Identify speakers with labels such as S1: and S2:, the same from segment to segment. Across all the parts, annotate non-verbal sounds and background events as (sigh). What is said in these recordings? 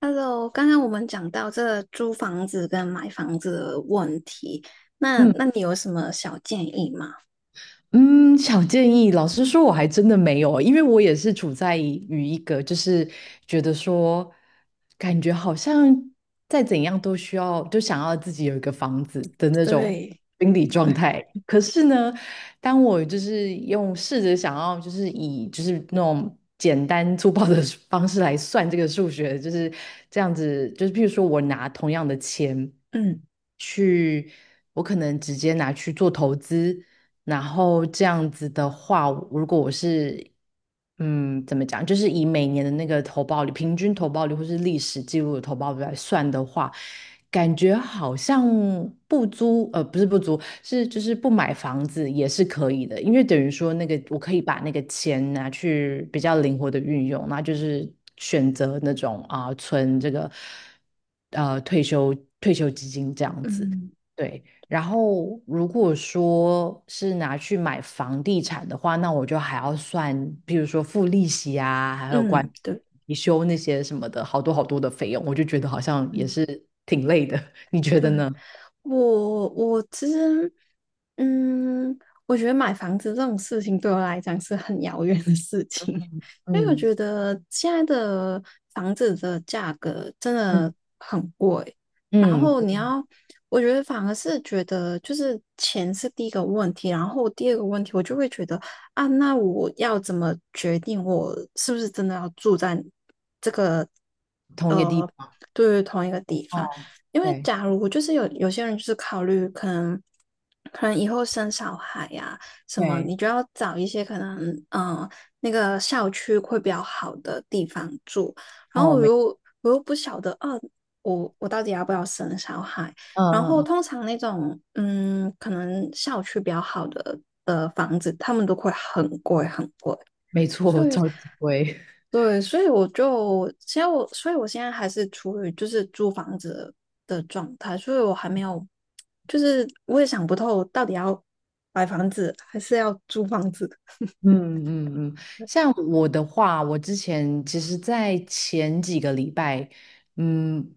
S1: Hello，刚刚我们讲到这租房子跟买房子的问题，那
S2: 嗯
S1: 那你有什么小建议吗？
S2: 嗯，小建议。老实说，我还真的没有，因为我也是处在于一个就是觉得说，感觉好像再怎样都需要，就想要自己有一个房子的那种
S1: 对，
S2: 心理状态。可是呢，当我就是用试着想要就是以就是那种简单粗暴的 (laughs) 方式来算这个数学，就是这样子，就是譬如说我拿同样的钱
S1: 嗯
S2: 去，我可能直接拿去做投资。然后这样子的话，如果我是，怎么讲，就是以每年的那个投报率、平均投报率或是历史记录的投报率来算的话，感觉好像不租，不是不租，是就是不买房子也是可以的，因为等于说那个我可以把那个钱拿去比较灵活的运用，那就是选择那种啊、存这个呃退休退休基金这样子。
S1: 嗯
S2: 对，然后，如果说是拿去买房地产的话，那我就还要算，比如说付利息啊，还有关
S1: 嗯，对，
S2: 维修那些什么的，好多好多的费用，我就觉得好像也
S1: 嗯，
S2: 是挺累的。(laughs) 你觉得
S1: 对，
S2: 呢？
S1: 我其实，嗯，我觉得买房子这种事情对我来讲是很遥远的事情，(laughs) 因为我
S2: 嗯
S1: 觉得现在的房子的价格真
S2: 嗯，
S1: 的很贵，然
S2: 嗯，
S1: 后你要，我觉得反而是觉得就是钱是第一个问题，然后第二个问题我就会觉得啊，那我要怎么决定我是不是真的要住在
S2: 同一个地方，
S1: 对于同一个地方，
S2: 哦，
S1: 因为
S2: 对
S1: 假如就是有些人就是考虑可能以后生小孩呀、什么，
S2: 对，
S1: 你就要找一些可能嗯、呃那个校区会比较好的地方住，然后
S2: 哦，
S1: 我
S2: 没，
S1: 又我又不晓得啊，我到底要不要生小孩，然
S2: 嗯嗯
S1: 后
S2: 嗯，
S1: 通常那种可能校区比较好的房子，他们都会很贵很贵，
S2: 没错，
S1: 所
S2: (laughs)
S1: 以
S2: 超级贵。
S1: 对，所以我现在还是处于就是租房子的状态，所以我还没有，就是我也想不透到底要买房子还是要租房子，
S2: 嗯嗯嗯，像我的话，我之前其实，在前几个礼拜，嗯，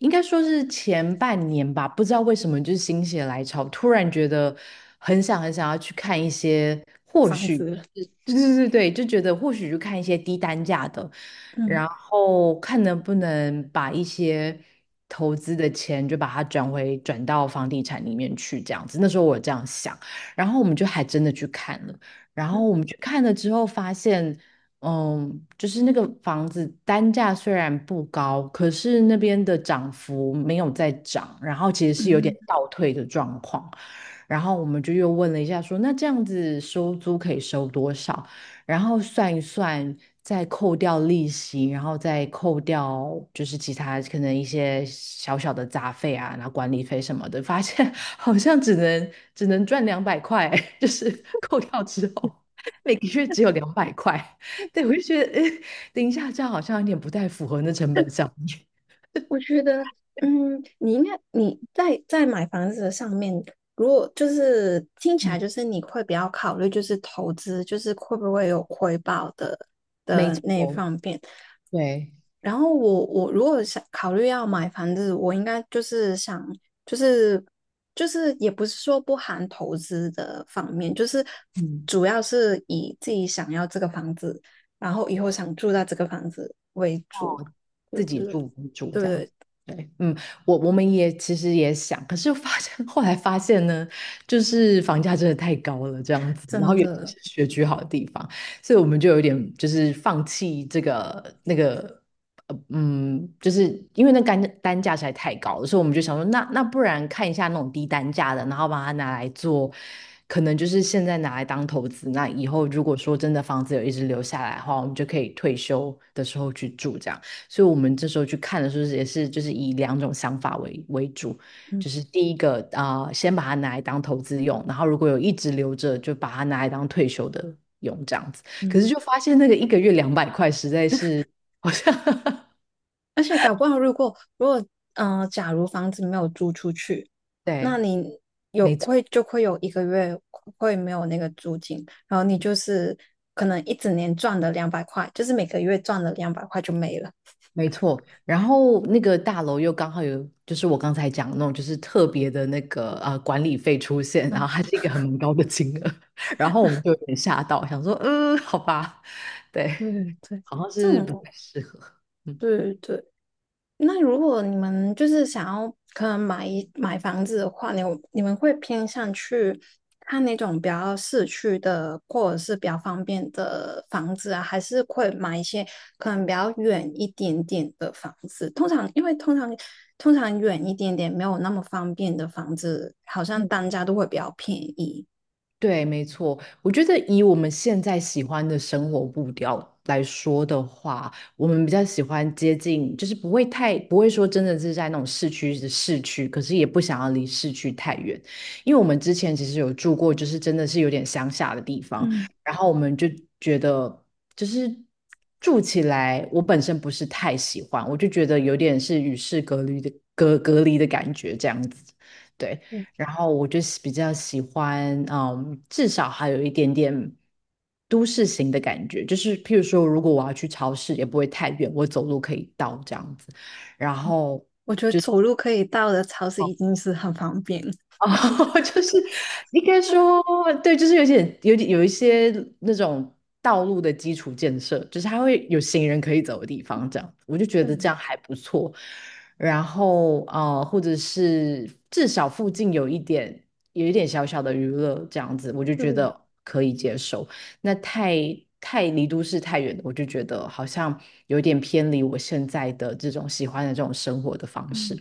S2: 应该说是前半年吧，不知道为什么就是心血来潮，突然觉得很想很想要去看一些，或
S1: 房
S2: 许
S1: 子，
S2: 是，对对对对，就觉得或许就看一些低单价的，
S1: 嗯
S2: 然后看能不能把一些投资的钱就把它转到房地产里面去，这样子。那时候我这样想，然后我们就还真的去看了。然后我们
S1: 嗯
S2: 去看了之后发现，就是那个房子单价虽然不高，可是那边的涨幅没有在涨，然后其实是有点
S1: 嗯。
S2: 倒退的状况。然后我们就又问了一下说，那这样子收租可以收多少？然后算一算，再扣掉利息，然后再扣掉就是其他可能一些小小的杂费啊，然后管理费什么的，发现好像只能赚200块，(laughs) 就是扣掉之后，每个月只有200块。对，我就觉得，(laughs) 诶，等一下这样好像有点不太符合那成本上。益。
S1: 我觉得，你应该你在买房子的上面，如果就是听起来
S2: 嗯，
S1: 就是你会比较考虑就是投资，就是会不会有回报的
S2: 没
S1: 的那一
S2: 错，
S1: 方面。
S2: 对，
S1: 然后我如果想考虑要买房子，我应该就是想就是就是也不是说不含投资的方面，就是
S2: 嗯。
S1: 主要是以自己想要这个房子，然后以后想住在这个房子为主，对
S2: 自己
S1: 对
S2: 住为主这样。
S1: 对。
S2: 对，嗯，我们也其实也想，可是发现后来发现呢，就是房价真的太高了这样子，然后
S1: 真
S2: 尤
S1: 的。
S2: 其是学区好的地方，所以我们就有点就是放弃这个那个，就是因为那单价实在太高了，所以我们就想说，那不然看一下那种低单价的，然后把它拿来做，可能就是现在拿来当投资，那以后如果说真的房子有一直留下来的话，我们就可以退休的时候去住这样。所以我们这时候去看的时候，也是就是以两种想法为主，
S1: 嗯
S2: 就是第一个啊、先把它拿来当投资用，然后如果有一直留着，就把它拿来当退休的用这样子。可是
S1: 嗯，
S2: 就发现那个一个月200块，实在是好像 (laughs)
S1: 而且搞不好，如果如果呃，假如房子没有租出去，那
S2: 对，
S1: 你
S2: 没错
S1: 就会有一个月会没有那个租金，然后你就是可能一整年赚了两百块，就是每个月赚了两百块就没了。
S2: 没错。然后那个大楼又刚好有，就是我刚才讲的那种，就是特别的那个呃管理费出现，然
S1: 嗯，
S2: 后还是一个很蛮高的金额，(laughs) 然后我们就有点吓到，想说好吧，对。
S1: 对对，
S2: 好像
S1: 这
S2: 是不
S1: 种
S2: 太适合。嗯，
S1: 对对，那如果你们就是想要可能买一买房子的话，你们会偏向去看那种比较市区的，或者是比较方便的房子啊，还是会买一些可能比较远一点点的房子？通常因为通常通常远一点点没有那么方便的房子，好像
S2: 嗯，
S1: 单价都会比较便宜。
S2: 对，没错。我觉得以我们现在喜欢的生活步调来说的话，我们比较喜欢接近，就是不会太，不会说真的是在那种市区的市区，可是也不想要离市区太远，因为我们之前其实有住过，就是真的是有点乡下的地方，
S1: 嗯，
S2: 然后我们就觉得就是住起来，我本身不是太喜欢，我就觉得有点是与世隔离的隔离的感觉这样子。对。然后我就是比较喜欢，嗯，至少还有一点点都市型的感觉，就是譬如说，如果我要去超市，也不会太远，我走路可以到这样子。然后，
S1: 我觉得走路可以到的超市已经是很方便了。
S2: 哦，(laughs) 就是应该说，对，就是有点有一些那种道路的基础建设，就是它会有行人可以走的地方，这样我就觉
S1: 对
S2: 得这样还不错。然后呃，或者是至少附近有一点小小的娱乐这样子，我就觉
S1: 对，
S2: 得可以接受。那太离都市太远了，我就觉得好像有点偏离我现在的这种喜欢的这种生活的方式。
S1: 嗯。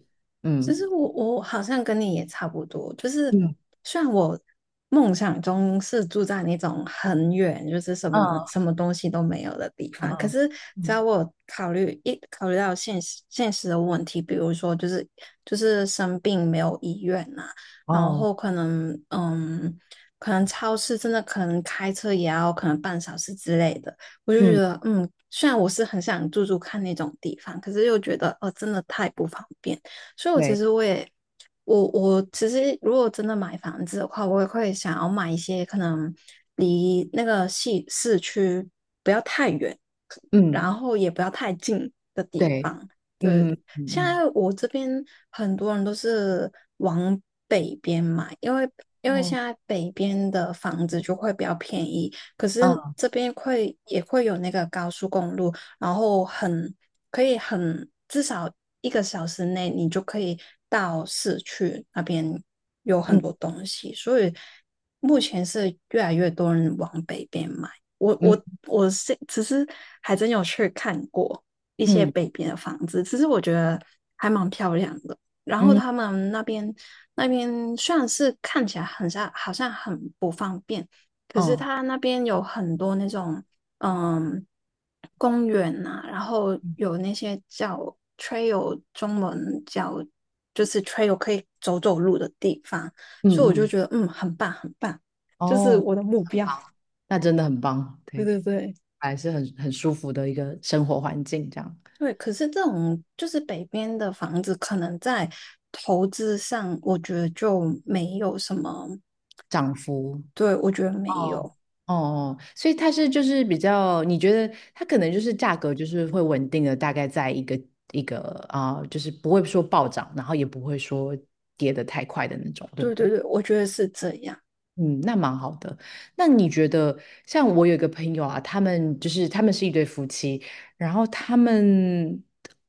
S1: 其
S2: 嗯
S1: 实我好像跟你也差不多，就是
S2: 嗯。
S1: 虽然我梦想中是住在那种很远，就是什么什么东西都没有的地方，可
S2: 嗯
S1: 是只
S2: 嗯
S1: 要我考虑一考虑到现实的问题，比如说就是生病没有医院呐，然
S2: 哦
S1: 后可能可能超市真的可能开车也要可能半小时之类的，我就觉
S2: 嗯
S1: 得虽然我是很想住住看那种地方，可是又觉得哦，真的太不方便。所以我其
S2: 对
S1: 实我也我我其实如果真的买房子的话，我也会想要买一些可能离那个市区不要太远，
S2: 嗯
S1: 然后也不要太近的地
S2: 对
S1: 方。对，
S2: 嗯嗯
S1: 现
S2: 嗯
S1: 在我这边很多人都是往北边买，因为因
S2: 嗯
S1: 为
S2: 哦
S1: 现在北边的房子就会比较便宜，可是
S2: 啊
S1: 这边会也会有那个高速公路，然后很可以很至少一个小时内你就可以到市区那边有很
S2: 嗯
S1: 多东西，所以目前是越来越多人往北边买。我我
S2: 嗯
S1: 我是其实还真有去看过一些
S2: 嗯
S1: 北边的房子，其实我觉得还蛮漂亮的。然后
S2: 嗯嗯
S1: 他们那边虽然是看起来很像，好像很不方便，可是他那边有很多那种嗯公园呐、然后有那些叫 trail，中文叫就是 trail 可以走走路的地方，
S2: 嗯
S1: 所以我就
S2: 嗯
S1: 觉得很棒很棒，就是我
S2: 哦，
S1: 的目标。(laughs)
S2: 那真的很棒，
S1: 对
S2: 对，
S1: 对对。
S2: 还是很舒服的一个生活环境，这样
S1: 对，可是这种就是北边的房子，可能在投资上，我觉得就没有什么。
S2: 涨幅
S1: 对，我觉得没
S2: 哦
S1: 有。
S2: 哦哦，所以它是就是比较，你觉得它可能就是价格就是会稳定的，大概在一个啊、就是不会说暴涨，然后也不会说跌得太快的那种，对不
S1: 对对
S2: 对？
S1: 对，我觉得是这样。
S2: 嗯，那蛮好的。那你觉得，像我有一个朋友啊，他们就是他们是一对夫妻，然后他们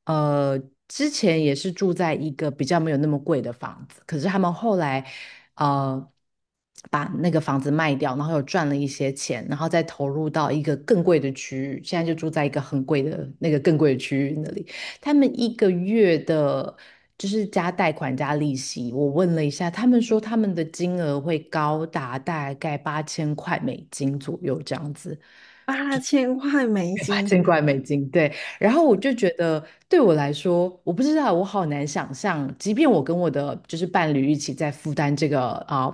S2: 呃之前也是住在一个比较没有那么贵的房子，可是他们后来呃把那个房子卖掉，然后又赚了一些钱，然后再投入到一个更贵的区域，现在就住在一个很贵的那个更贵的区域那里。他们一个月的，就是加贷款加利息，我问了一下，他们说他们的金额会高达大概八千块美金左右这样子。
S1: 八千块美
S2: 没 (laughs) 把
S1: 金
S2: 见怪没劲，对。然后我就觉得，对我来说，我不知道，我好难想象，即便我跟我的就是伴侣一起在负担这个啊、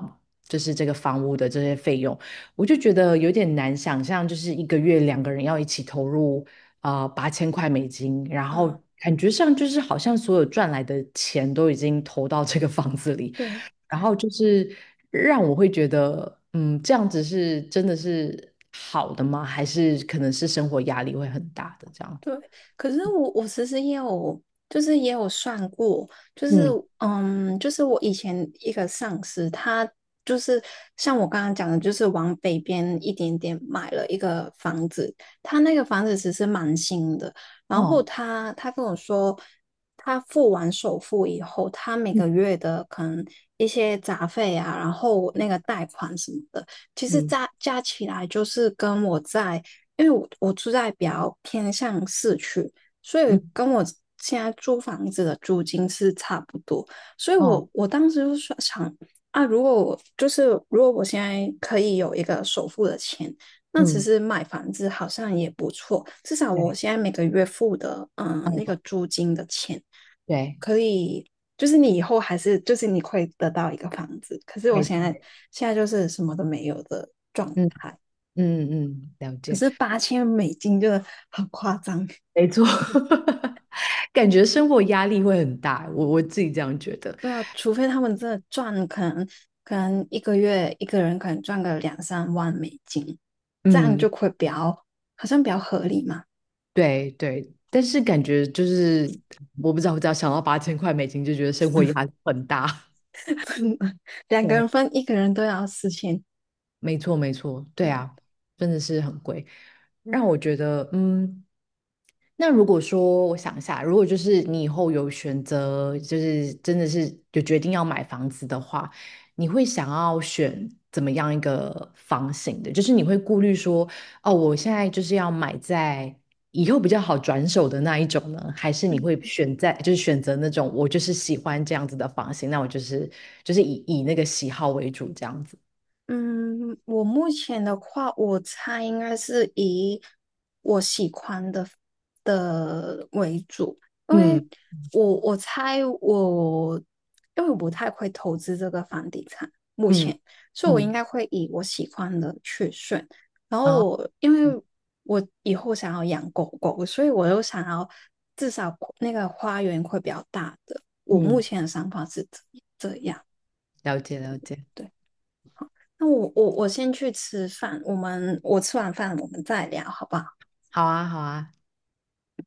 S2: 就是这个房屋的这些费用，我就觉得有点难想象，就是一个月两个人要一起投入啊八千块美金，然
S1: 啊，
S2: 后感觉上就是好像所有赚来的钱都已经投到这个房子里，
S1: 对，
S2: 然后就是让我会觉得，嗯，这样子是真的是好的吗？还是可能是生活压力会很大的这样？
S1: 对，可是我其实也有，就是也有算过，就是
S2: 嗯，
S1: 就是我以前一个上司，他就是像我刚刚讲的，就是往北边一点点买了一个房子，他那个房子其实蛮新的，然后
S2: 哦，
S1: 他跟我说，他付完首付以后，他每个
S2: 嗯
S1: 月的可能一些杂费啊，然后那个贷款什么的。其实
S2: 嗯
S1: 加起来就是跟我在，因为我住在比较偏向市区，所以
S2: 嗯，
S1: 跟我现在租房子的租金是差不多。所以
S2: 哦，
S1: 我当时就是想啊，如果我现在可以有一个首付的钱，那其
S2: 嗯，
S1: 实买房子好像也不错，至少我
S2: 对，
S1: 现在每个月付的
S2: 嗯
S1: 那个租金的钱
S2: 对，
S1: 可以，就是你以后还是就是你会得到一个房子，可是我
S2: 没错，
S1: 现在就是什么都没有的状，
S2: 嗯嗯嗯，了
S1: 可
S2: 解，
S1: 是8000美金就很夸张，(laughs)
S2: 没错，(laughs) 感觉生活压力会很大，我自己这样觉得，
S1: 对啊，除非他们真的赚，可能一个月一个人可能赚个2、3万美金，这样
S2: 嗯，
S1: 就会比较好像比较合理嘛，
S2: 对对。但是感觉就是，我不知道，我只要想到八千块美金，就觉得生活压力很大。(laughs)
S1: (laughs) 真的，两个人
S2: 对
S1: 分一个人都要4000，
S2: 没错，没错，对
S1: 对，
S2: 啊，真的是很贵，让我觉得，嗯，那如果说我想一下，如果就是你以后有选择，就是真的是有决定要买房子的话，你会想要选怎么样一个房型的？就是你会顾虑说，哦，我现在就是要买在以后比较好转手的那一种呢，还是你会
S1: 嗯。
S2: 选在就是选择那种我就是喜欢这样子的房型，那我就是以那个喜好为主这样子，
S1: 嗯，我目前的话，我猜应该是以我喜欢的为主，因为
S2: 嗯。
S1: 我猜我，因为我不太会投资这个房地产，目
S2: 嗯
S1: 前，所以我应
S2: 嗯，
S1: 该会以我喜欢的去选。然后
S2: 哦，
S1: 我因为我以后想要养狗狗，所以我又想要至少那个花园会比较大的。我目
S2: 嗯，
S1: 前的想法是这样。
S2: 了解了解，
S1: 对。那我先去吃饭，我吃完饭我们再聊，好不好？
S2: 好啊好啊，